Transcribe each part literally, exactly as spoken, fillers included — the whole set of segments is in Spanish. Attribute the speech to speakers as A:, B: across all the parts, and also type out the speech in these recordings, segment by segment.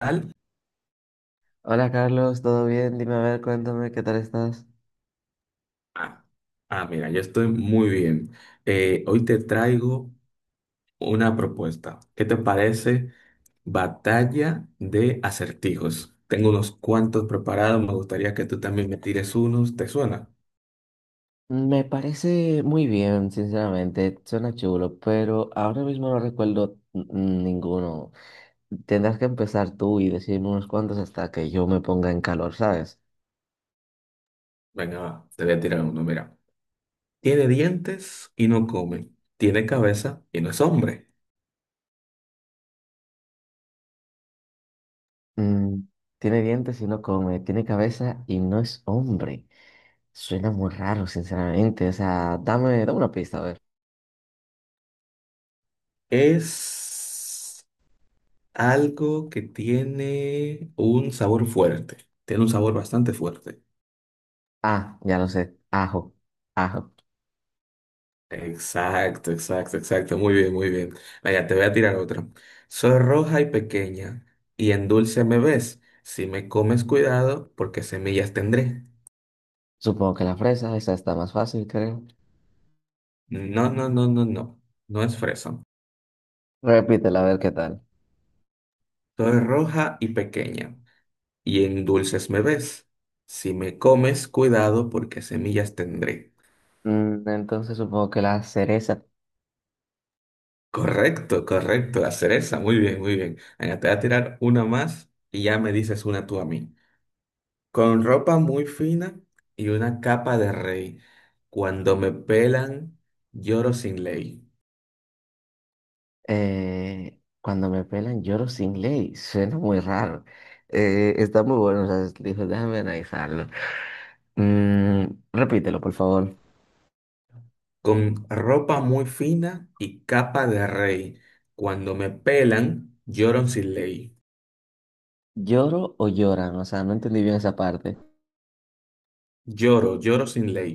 A: Tal?
B: Hola Carlos, ¿todo bien? Dime a ver, cuéntame, ¿qué tal estás?
A: Ah, ah, mira, yo estoy muy bien. Eh, hoy te traigo una propuesta. ¿Qué te parece? Batalla de acertijos. Tengo unos cuantos preparados. Me gustaría que tú también me tires unos. ¿Te suena?
B: Me parece muy bien, sinceramente, suena chulo, pero ahora mismo no recuerdo n- n- ninguno. Tendrás que empezar tú y decirme unos cuantos hasta que yo me ponga en calor, ¿sabes?
A: Venga, va, te voy a tirar uno. Mira, tiene dientes y no come. Tiene cabeza y no es hombre.
B: Mm, tiene dientes y no come, tiene cabeza y no es hombre. Suena muy raro, sinceramente, o sea, dame, dame una pista, a ver.
A: Es algo que tiene un sabor fuerte. Tiene un sabor bastante fuerte.
B: Ah, ya lo sé, ajo, ajo.
A: Exacto, exacto, exacto. Muy bien, muy bien. Vaya, te voy a tirar otra. Soy roja y pequeña, y en dulce me ves. Si me comes, cuidado, porque semillas tendré.
B: Supongo que la fresa, esa está más fácil, creo.
A: No, no, no, no, no. No es fresa.
B: Repítela, a ver qué tal.
A: Soy roja y pequeña, y en dulces me ves. Si me comes, cuidado, porque semillas tendré.
B: Mm, Entonces supongo que las cerezas.
A: Correcto, correcto. La cereza. Muy bien, muy bien. Venga, te voy a tirar una más y ya me dices una tú a mí. Con ropa muy fina y una capa de rey. Cuando me pelan, lloro sin ley.
B: Eh, cuando me pelan lloro sin ley, suena muy raro. Eh, está muy bueno, o sea, dijo, déjame analizarlo. Mm, repítelo, por favor.
A: Con ropa muy fina y capa de rey. Cuando me pelan, lloro sin ley.
B: ¿Lloro o lloran? O sea, no entendí bien esa parte.
A: Lloro, lloro sin ley.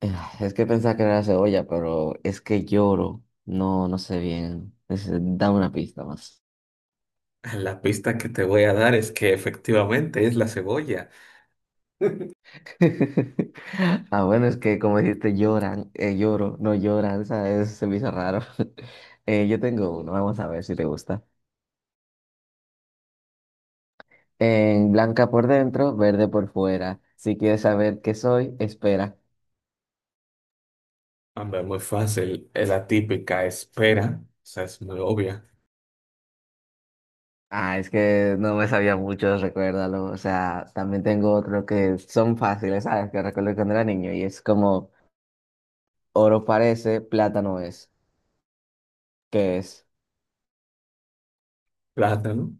B: Eh, Es que pensaba que era la cebolla, pero es que lloro. No, no sé bien. Es- dame una pista más.
A: Ah, La pista que te voy a dar es que efectivamente es la cebolla.
B: Ah, bueno, es que como dijiste, lloran, eh, lloro, no lloran, ¿sabes? Se me hizo raro. Eh, yo tengo uno, vamos a ver si te gusta. En blanca por dentro, verde por fuera. Si quieres saber qué soy, espera.
A: Hombre, muy fácil. Es la típica espera. O sea, es muy obvia.
B: Ah, es que no me sabía mucho, recuérdalo. O sea, también tengo otro que son fáciles, ¿sabes? Que recuerdo cuando era niño y es como oro parece, plátano es. ¿Qué es?
A: Plátano.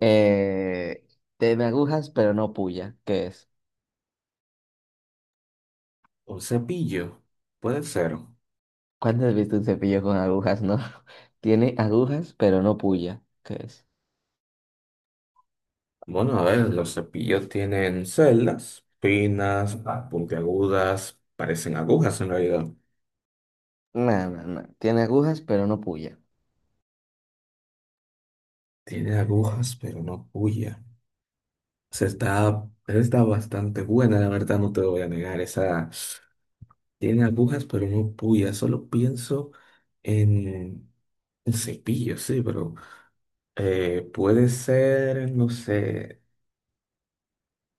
B: Eh, tiene agujas, pero no puya. ¿Qué es?
A: Un cepillo. Puede ser.
B: ¿Cuándo has visto un cepillo con agujas? No. Tiene agujas, pero no puya. ¿Qué es?
A: Bueno, a ver, los cepillos tienen celdas, finas, ah, puntiagudas, parecen agujas en realidad.
B: No, no, no. Tiene agujas, pero no puya.
A: Tiene agujas, pero no puya. O sea, está, está bastante buena, la verdad, no te voy a negar. Esa tiene agujas, pero no puya. Solo pienso en el cepillo, sí, pero eh, puede ser, no sé,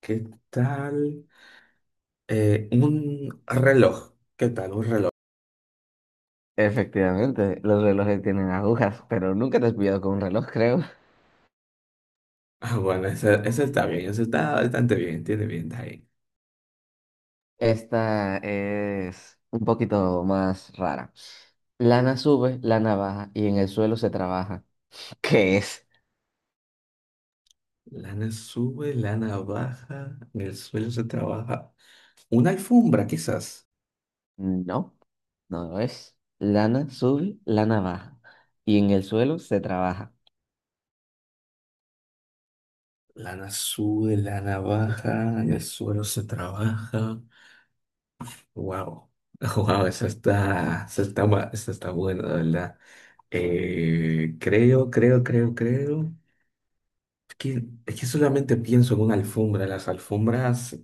A: ¿qué tal? Eh, un reloj. ¿Qué tal? Un reloj.
B: Efectivamente, los relojes tienen agujas, pero nunca te has pillado con un reloj, creo.
A: Ah, bueno, esa, esa está bien, esa está bastante bien, tiene bien, está bien.
B: Esta es un poquito más rara. Lana sube, lana baja y en el suelo se trabaja. ¿Qué es?
A: Lana sube, lana baja, en el suelo se trabaja. Una alfombra, quizás.
B: No, no lo es. Lana sube, lana baja y en el suelo se trabaja.
A: Lana sube, lana baja, en el suelo se trabaja. Wow, wow, esa está, esa está, ma- esa está buena, la verdad. Eh, creo, creo, creo, creo. Es que, es que solamente pienso en una alfombra, las alfombras,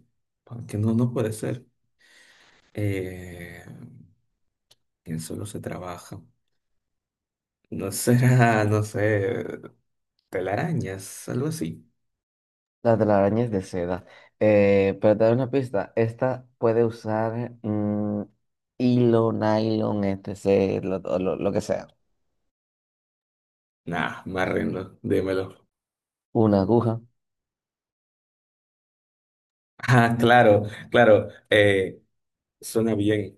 A: que no, no puede ser. Eh, ¿Quién solo se trabaja? No será, no sé, telarañas, algo así.
B: las de la araña de seda. Eh, pero te doy una pista. Esta puede usar mm, hilo, nylon, etcétera, lo, lo- lo que sea.
A: Nah, me arrendo, dímelo.
B: Una aguja.
A: Ah, claro, claro, eh, suena bien.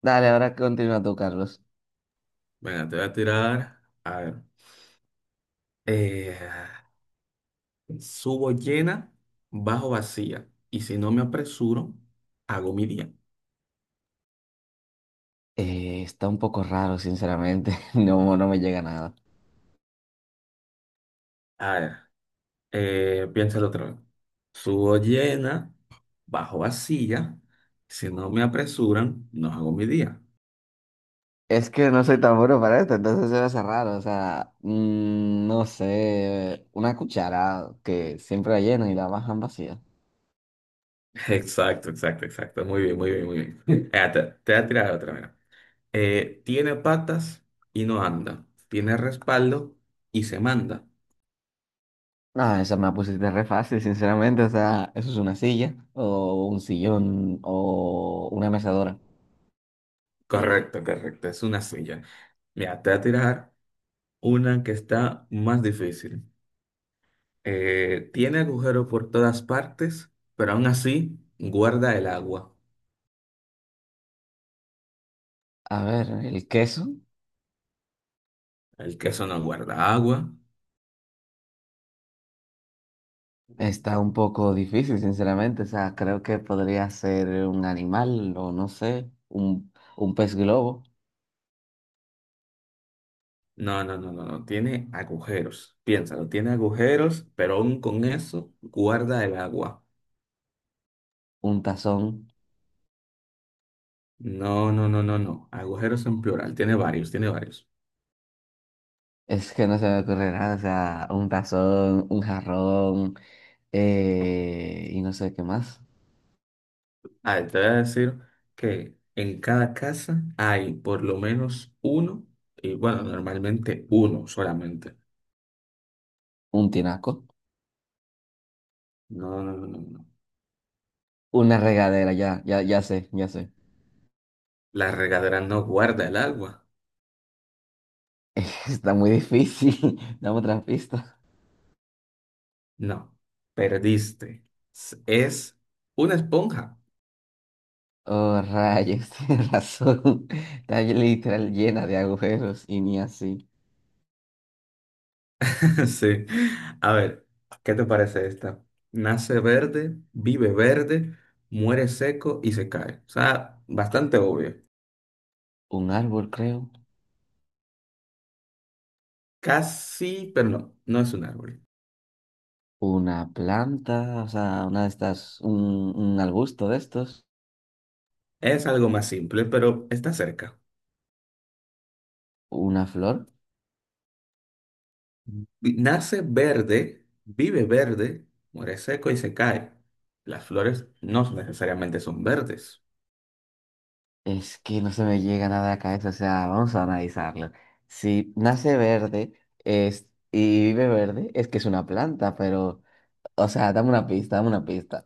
B: Dale, ahora continúa tú, Carlos.
A: Venga, te voy a tirar. A ver. eh, subo llena, bajo vacía. Y si no me apresuro, hago mi día.
B: Eh, está un poco raro, sinceramente. No, no me llega nada.
A: A ver, eh, piénsalo otra vez. Subo llena, bajo vacía. Si no me apresuran, no hago mi día.
B: Es que no soy tan bueno para esto, entonces se me hace raro. O sea, mm, no sé, una cuchara que siempre la llenan y la bajan vacía.
A: Exacto, exacto, exacto. Muy bien, muy bien, muy bien. Mira, te, te voy a tirar otra, mira. Eh, tiene patas y no anda. Tiene respaldo y se manda.
B: No, esa me la pusiste re fácil, sinceramente. O sea, eso es una silla, o un sillón, o una mecedora.
A: Correcto, correcto. Es una silla. Mira, te voy a tirar una que está más difícil. Eh, tiene agujero por todas partes, pero aún así guarda el agua.
B: A ver, el queso
A: El queso no guarda agua.
B: está un poco difícil, sinceramente. O sea, creo que podría ser un animal, o no sé, un, un pez globo,
A: No, no, no, no, no. Tiene agujeros. Piénsalo, tiene agujeros, pero aún con eso guarda el agua.
B: un tazón.
A: No, no, no, no, no. Agujeros en plural. Tiene varios, tiene varios.
B: Es que no se me ocurre nada. O sea, un tazón, un jarrón, eh, y no sé qué más.
A: A ver, te voy a decir que en cada casa hay por lo menos uno, y bueno, normalmente uno solamente.
B: Un tinaco,
A: No, no, no, no, no.
B: una regadera, ya, ya, ya sé, ya sé.
A: La regadera no guarda el agua.
B: Está muy difícil. Dame otra pista.
A: No, perdiste. S- Es una esponja.
B: Oh, rayos, tienes razón. Está literal llena de agujeros y ni así.
A: Sí. A ver, ¿qué te parece esta? Nace verde, vive verde, muere seco y se cae. O sea, bastante obvio.
B: Un árbol, creo.
A: Casi, pero no, no es un árbol.
B: Una planta, o sea, una de estas, un, un arbusto de estos.
A: Es algo más simple, pero está cerca.
B: Una flor.
A: Vi- Nace verde, vive verde, muere seco y se cae. Las flores no necesariamente son verdes.
B: Es que no se me llega nada a la cabeza, o sea, vamos a analizarlo. Si nace verde es, y vive verde, es que es una planta, pero, o sea, dame una pista, dame una pista.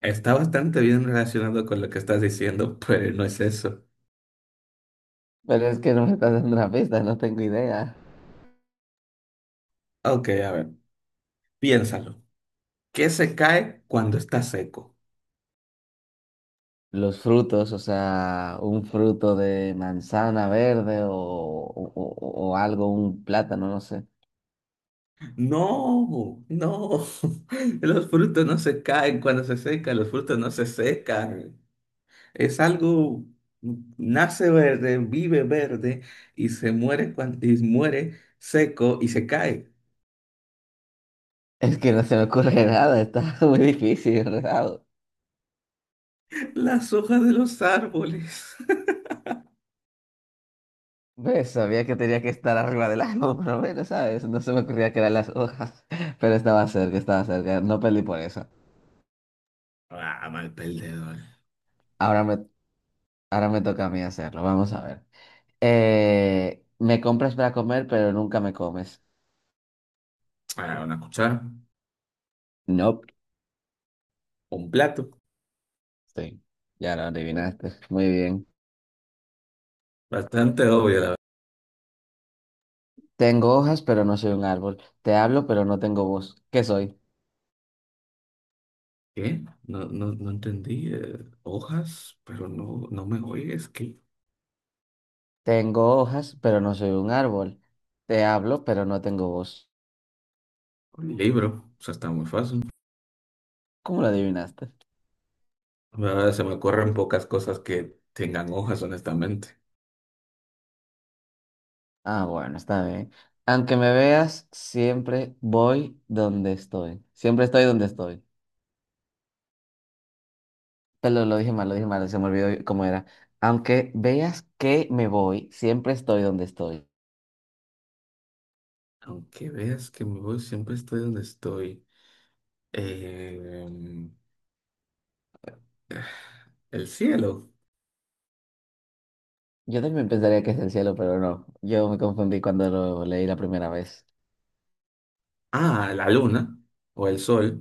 A: Está bastante bien relacionado con lo que estás diciendo, pero no es eso.
B: Pero es que no me estás dando una pista, no tengo idea.
A: Ok, a ver, piénsalo. ¿Qué se cae cuando está seco?
B: Los frutos, o sea, un fruto de manzana verde o, o- o- o algo, un plátano, no sé.
A: No, no. Los frutos no se caen cuando se secan, los frutos no se secan. Es algo, nace verde, vive verde y se muere, cuan- y muere seco y se cae.
B: Es que no se me ocurre nada, está muy difícil, ¿verdad?
A: Las hojas de los árboles.
B: Pues sabía que tenía que estar arriba del árbol, por lo menos, ¿sabes? No se me ocurría que eran las hojas, pero estaba cerca, estaba cerca, no perdí por eso.
A: Ah, mal perdedor.
B: Ahora me, ahora me toca a mí hacerlo, vamos a ver. Eh, me compras para comer, pero nunca me comes.
A: Ah, una cuchara.
B: No,
A: Un plato.
B: sí, ya lo adivinaste, muy bien.
A: Bastante obvio, la verdad.
B: Tengo hojas, pero no soy un árbol. Te hablo, pero no tengo voz. ¿Qué soy?
A: ¿Qué? No, no, no entendí. eh, hojas, pero no, no me oyes. ¿Qué?
B: Tengo hojas, pero no soy un árbol. Te hablo, pero no tengo voz.
A: Un libro. O sea, está muy fácil.
B: ¿Cómo lo adivinaste?
A: Ahora se me ocurren pocas cosas que tengan hojas, honestamente.
B: Ah, bueno, está bien. Aunque me veas, siempre voy donde estoy. Siempre estoy donde estoy. Pero lo dije mal, lo dije mal, se me olvidó cómo era. Aunque veas que me voy, siempre estoy donde estoy.
A: Aunque veas que me voy, siempre estoy donde estoy. Eh, el cielo.
B: Yo también pensaría que es el cielo, pero no. Yo me confundí cuando lo leí la primera vez.
A: Ah, la luna o el sol.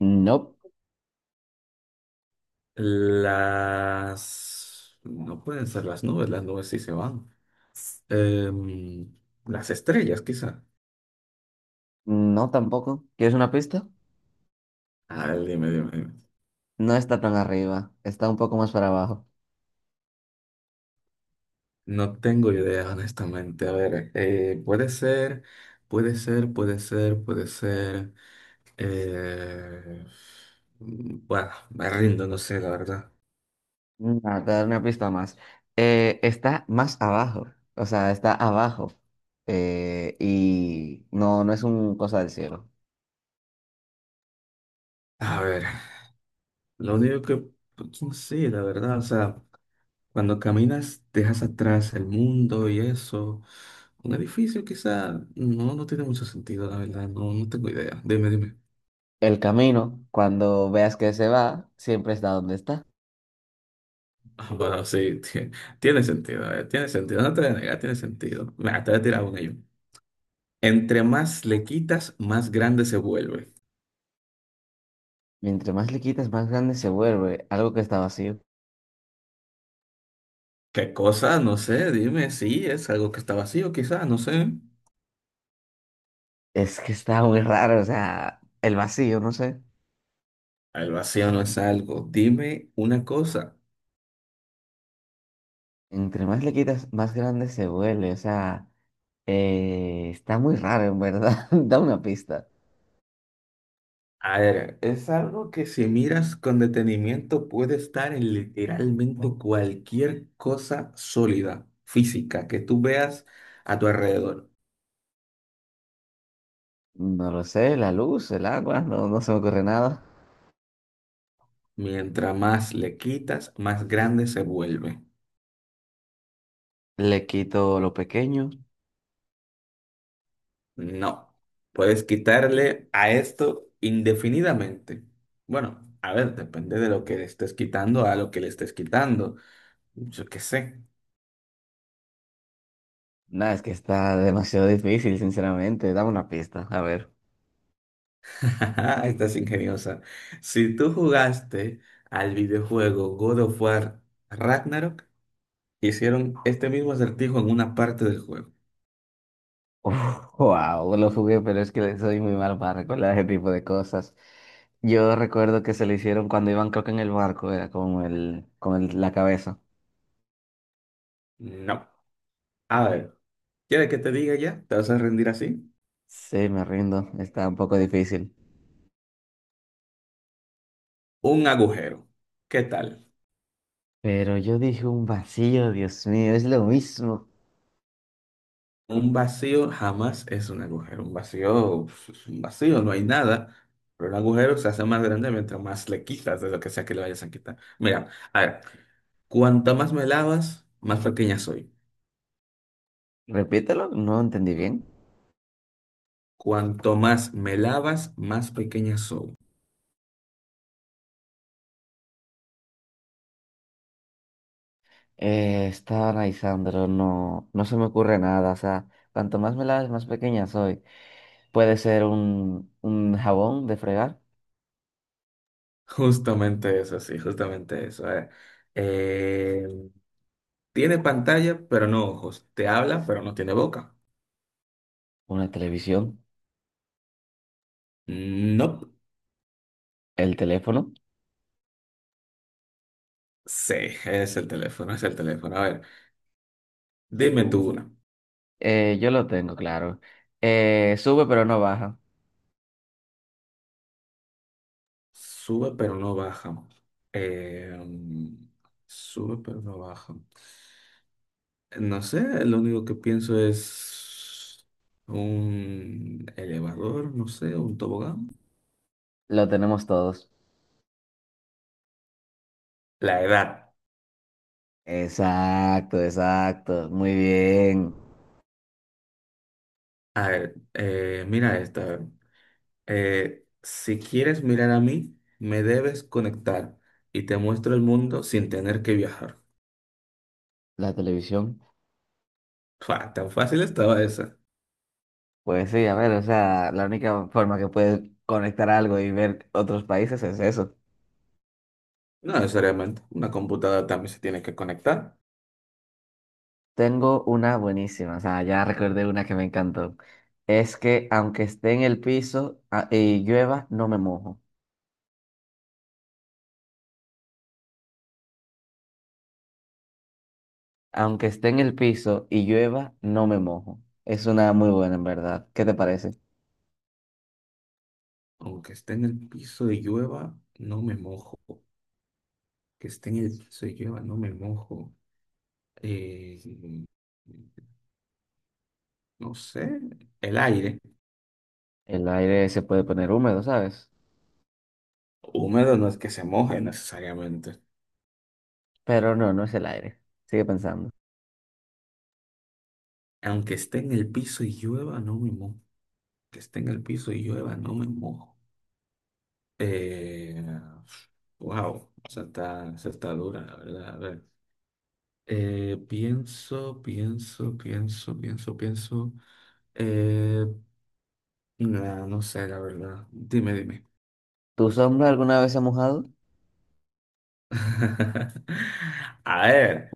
B: No,
A: Las... No pueden ser las nubes, las nubes sí se van. Em, las estrellas, quizá.
B: no tampoco. ¿Quieres una pista?
A: A ver, dime, dime, dime.
B: No está tan arriba, está un poco más para abajo.
A: No tengo idea, honestamente. A ver, eh, puede ser, puede ser, puede ser, puede ser. eh, bueno, me rindo, no sé, la verdad.
B: No, te voy a dar una pista más. Eh, está más abajo, o sea, está abajo. Eh, y no, no es un cosa del cielo.
A: A ver, lo único que, sí, la verdad, o sea, Cuando caminas, dejas atrás el mundo y eso. Un edificio quizá no, no tiene mucho sentido, la verdad. No, no tengo idea. Dime, dime.
B: El camino, cuando veas que se va, siempre está donde está.
A: Ah, Bueno, sí, ti- tiene sentido, eh, tiene sentido. No te voy a negar, tiene sentido. Mira, te voy a tirar una yo. Entre más le quitas, más grande se vuelve.
B: Mientras más le quitas, más grande se vuelve. Algo que está vacío.
A: ¿Qué cosa? No sé, dime. Sí, es algo que está vacío, quizá, no sé.
B: Es que está muy raro, o sea, el vacío, no sé.
A: El vacío no es algo. Dime una cosa.
B: Entre más le quitas, más grande se vuelve. O sea, eh, está muy raro, en verdad. Da una pista.
A: A ver, es algo que si miras con detenimiento puede estar en literalmente cualquier cosa sólida, física, que tú veas a tu alrededor.
B: No lo sé, la luz, el agua, no, no se me ocurre nada.
A: Mientras más le quitas, más grande se vuelve.
B: Le quito lo pequeño.
A: No, puedes quitarle a esto indefinidamente. Bueno, a ver, depende de lo que le estés quitando, a lo que le estés quitando. Yo qué sé.
B: Nada, es que está demasiado difícil, sinceramente. Dame una pista, a ver.
A: Estás ingeniosa. Si tú jugaste al videojuego God of War Ragnarok, hicieron este mismo acertijo en una parte del juego.
B: Uf, wow, lo jugué, pero es que soy muy mal para recordar ese tipo de cosas. Yo recuerdo que se lo hicieron cuando iban, creo que en el barco, era con el, con el- la cabeza.
A: No. A ver, ¿quieres que te diga ya? ¿Te vas a rendir así?
B: Sí, me rindo, está un poco difícil.
A: Un agujero. ¿Qué tal?
B: Pero yo dije un vacío, Dios mío, es lo mismo.
A: Un vacío jamás es un agujero. Un vacío pues, es un vacío, no hay nada. Pero un agujero se hace más grande mientras más le quitas de lo que sea que le vayas a quitar. Mira, a ver, cuanto más me lavas, más pequeña soy.
B: Repítelo, no entendí bien.
A: Cuanto más me lavas, más pequeña soy.
B: Eh, estaba analizando, no, no se me ocurre nada. O sea, cuanto más me laves, más pequeña soy. Puede ser un, un jabón de fregar,
A: Justamente eso, sí, justamente eso. eh. Eh, tiene pantalla, pero no ojos. Te habla, pero no tiene boca.
B: una televisión,
A: No.
B: el teléfono.
A: Sí, es el teléfono, es el teléfono. A ver, dime tú una.
B: Eh, yo lo tengo, claro. Eh, sube pero no baja.
A: Sube, pero no baja. Eh, sube, pero no baja. No sé, lo único que pienso es un elevador, no sé, un tobogán.
B: Lo tenemos todos.
A: La edad.
B: Exacto, exacto. Muy bien.
A: A ver, eh, mira esta. a ver. Eh, si quieres mirar a mí, me debes conectar y te muestro el mundo sin tener que viajar.
B: La televisión.
A: Fua, tan fácil estaba esa.
B: Pues sí, a ver, o sea, la única forma que puedes conectar algo y ver otros países es eso.
A: No necesariamente. Una computadora también se tiene que conectar.
B: Tengo una buenísima, o sea, ya recordé una que me encantó. Es que aunque esté en el piso ah, y llueva, no me mojo. Aunque esté en el piso y llueva, no me mojo. Es una muy buena, en verdad. ¿Qué te parece?
A: Aunque esté en el piso y llueva, no me mojo. Que esté en el piso y llueva, no me mojo. Eh, no sé. El aire.
B: El aire se puede poner húmedo, ¿sabes?
A: Húmedo no es que se moje necesariamente.
B: Pero no, no es el aire. Sigue pensando.
A: Aunque esté en el piso y llueva, no me mojo. que esté en el piso y llueva, no me mojo. Eh, wow, esa está, esa está dura, la verdad. A ver, eh, pienso, pienso, pienso, pienso, pienso. Eh, nah, no sé, la verdad. Dime, dime.
B: ¿Tu sombra alguna vez se ha mojado?
A: A ver,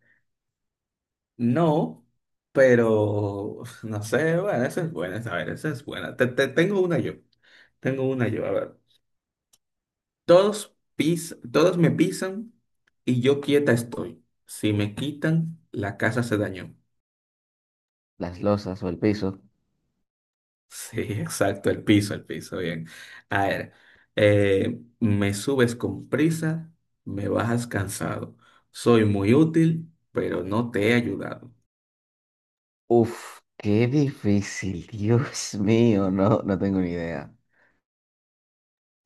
A: no, pero no sé, bueno, esa es buena, a ver, esa es buena. Te, te- tengo una yo, tengo una yo, a ver. Todos pis, todos me pisan y yo quieta estoy. Si me quitan, la casa se dañó.
B: Las losas o el piso.
A: Sí, exacto, el piso, el piso, bien. A ver, eh, me subes con prisa, me bajas cansado. Soy muy útil, pero no te he ayudado.
B: Uf, qué difícil. Dios mío, no, no tengo ni idea.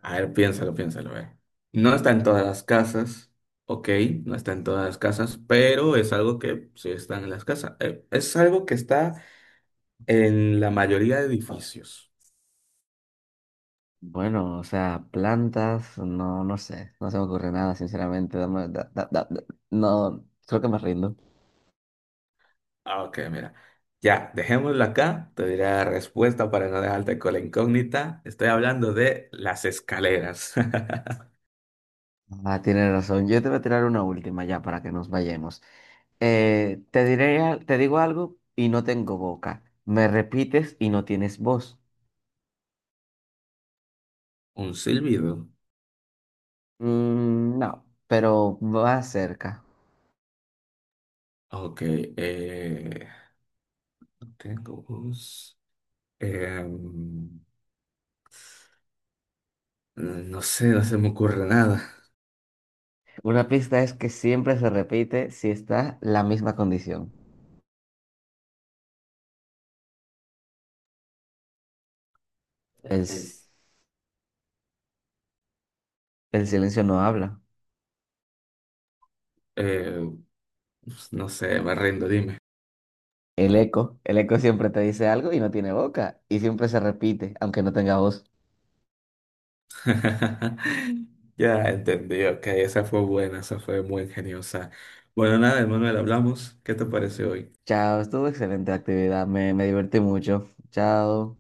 A: A ver, piénsalo, piénsalo, a ver. No está en todas las casas, ok, no está en todas las casas, pero es algo que sí está en las casas. Eh, es algo que está en la mayoría de edificios.
B: Bueno, o sea, plantas, no, no sé, no se me ocurre nada, sinceramente. dame- da- da- da- da- no, creo que me rindo.
A: Ah, Ok, mira. Ya, dejémoslo acá. Te diré la respuesta para no dejarte con la incógnita. Estoy hablando de las escaleras.
B: Ah, tienes razón. Yo te voy a tirar una última ya para que nos vayamos. Eh, te diré, al- te digo algo y no tengo boca. Me repites y no tienes voz.
A: Un silbido.
B: Mm, no, pero va cerca.
A: Ok. eh, no tengo voz. Em, no sé, no se me ocurre nada.
B: Una pista es que siempre se repite si está la misma condición. El, s-
A: Es-
B: el silencio no habla.
A: eh, pues, no sé, me rindo, dime.
B: El eco, el eco siempre te dice algo y no tiene boca, y siempre se repite, aunque no tenga voz.
A: Ya entendí, ok. Esa fue buena, esa fue muy ingeniosa. Bueno, nada, Manuel, hablamos. ¿Qué te parece hoy?
B: Chao, estuvo excelente la actividad, me, me divertí mucho. Chao.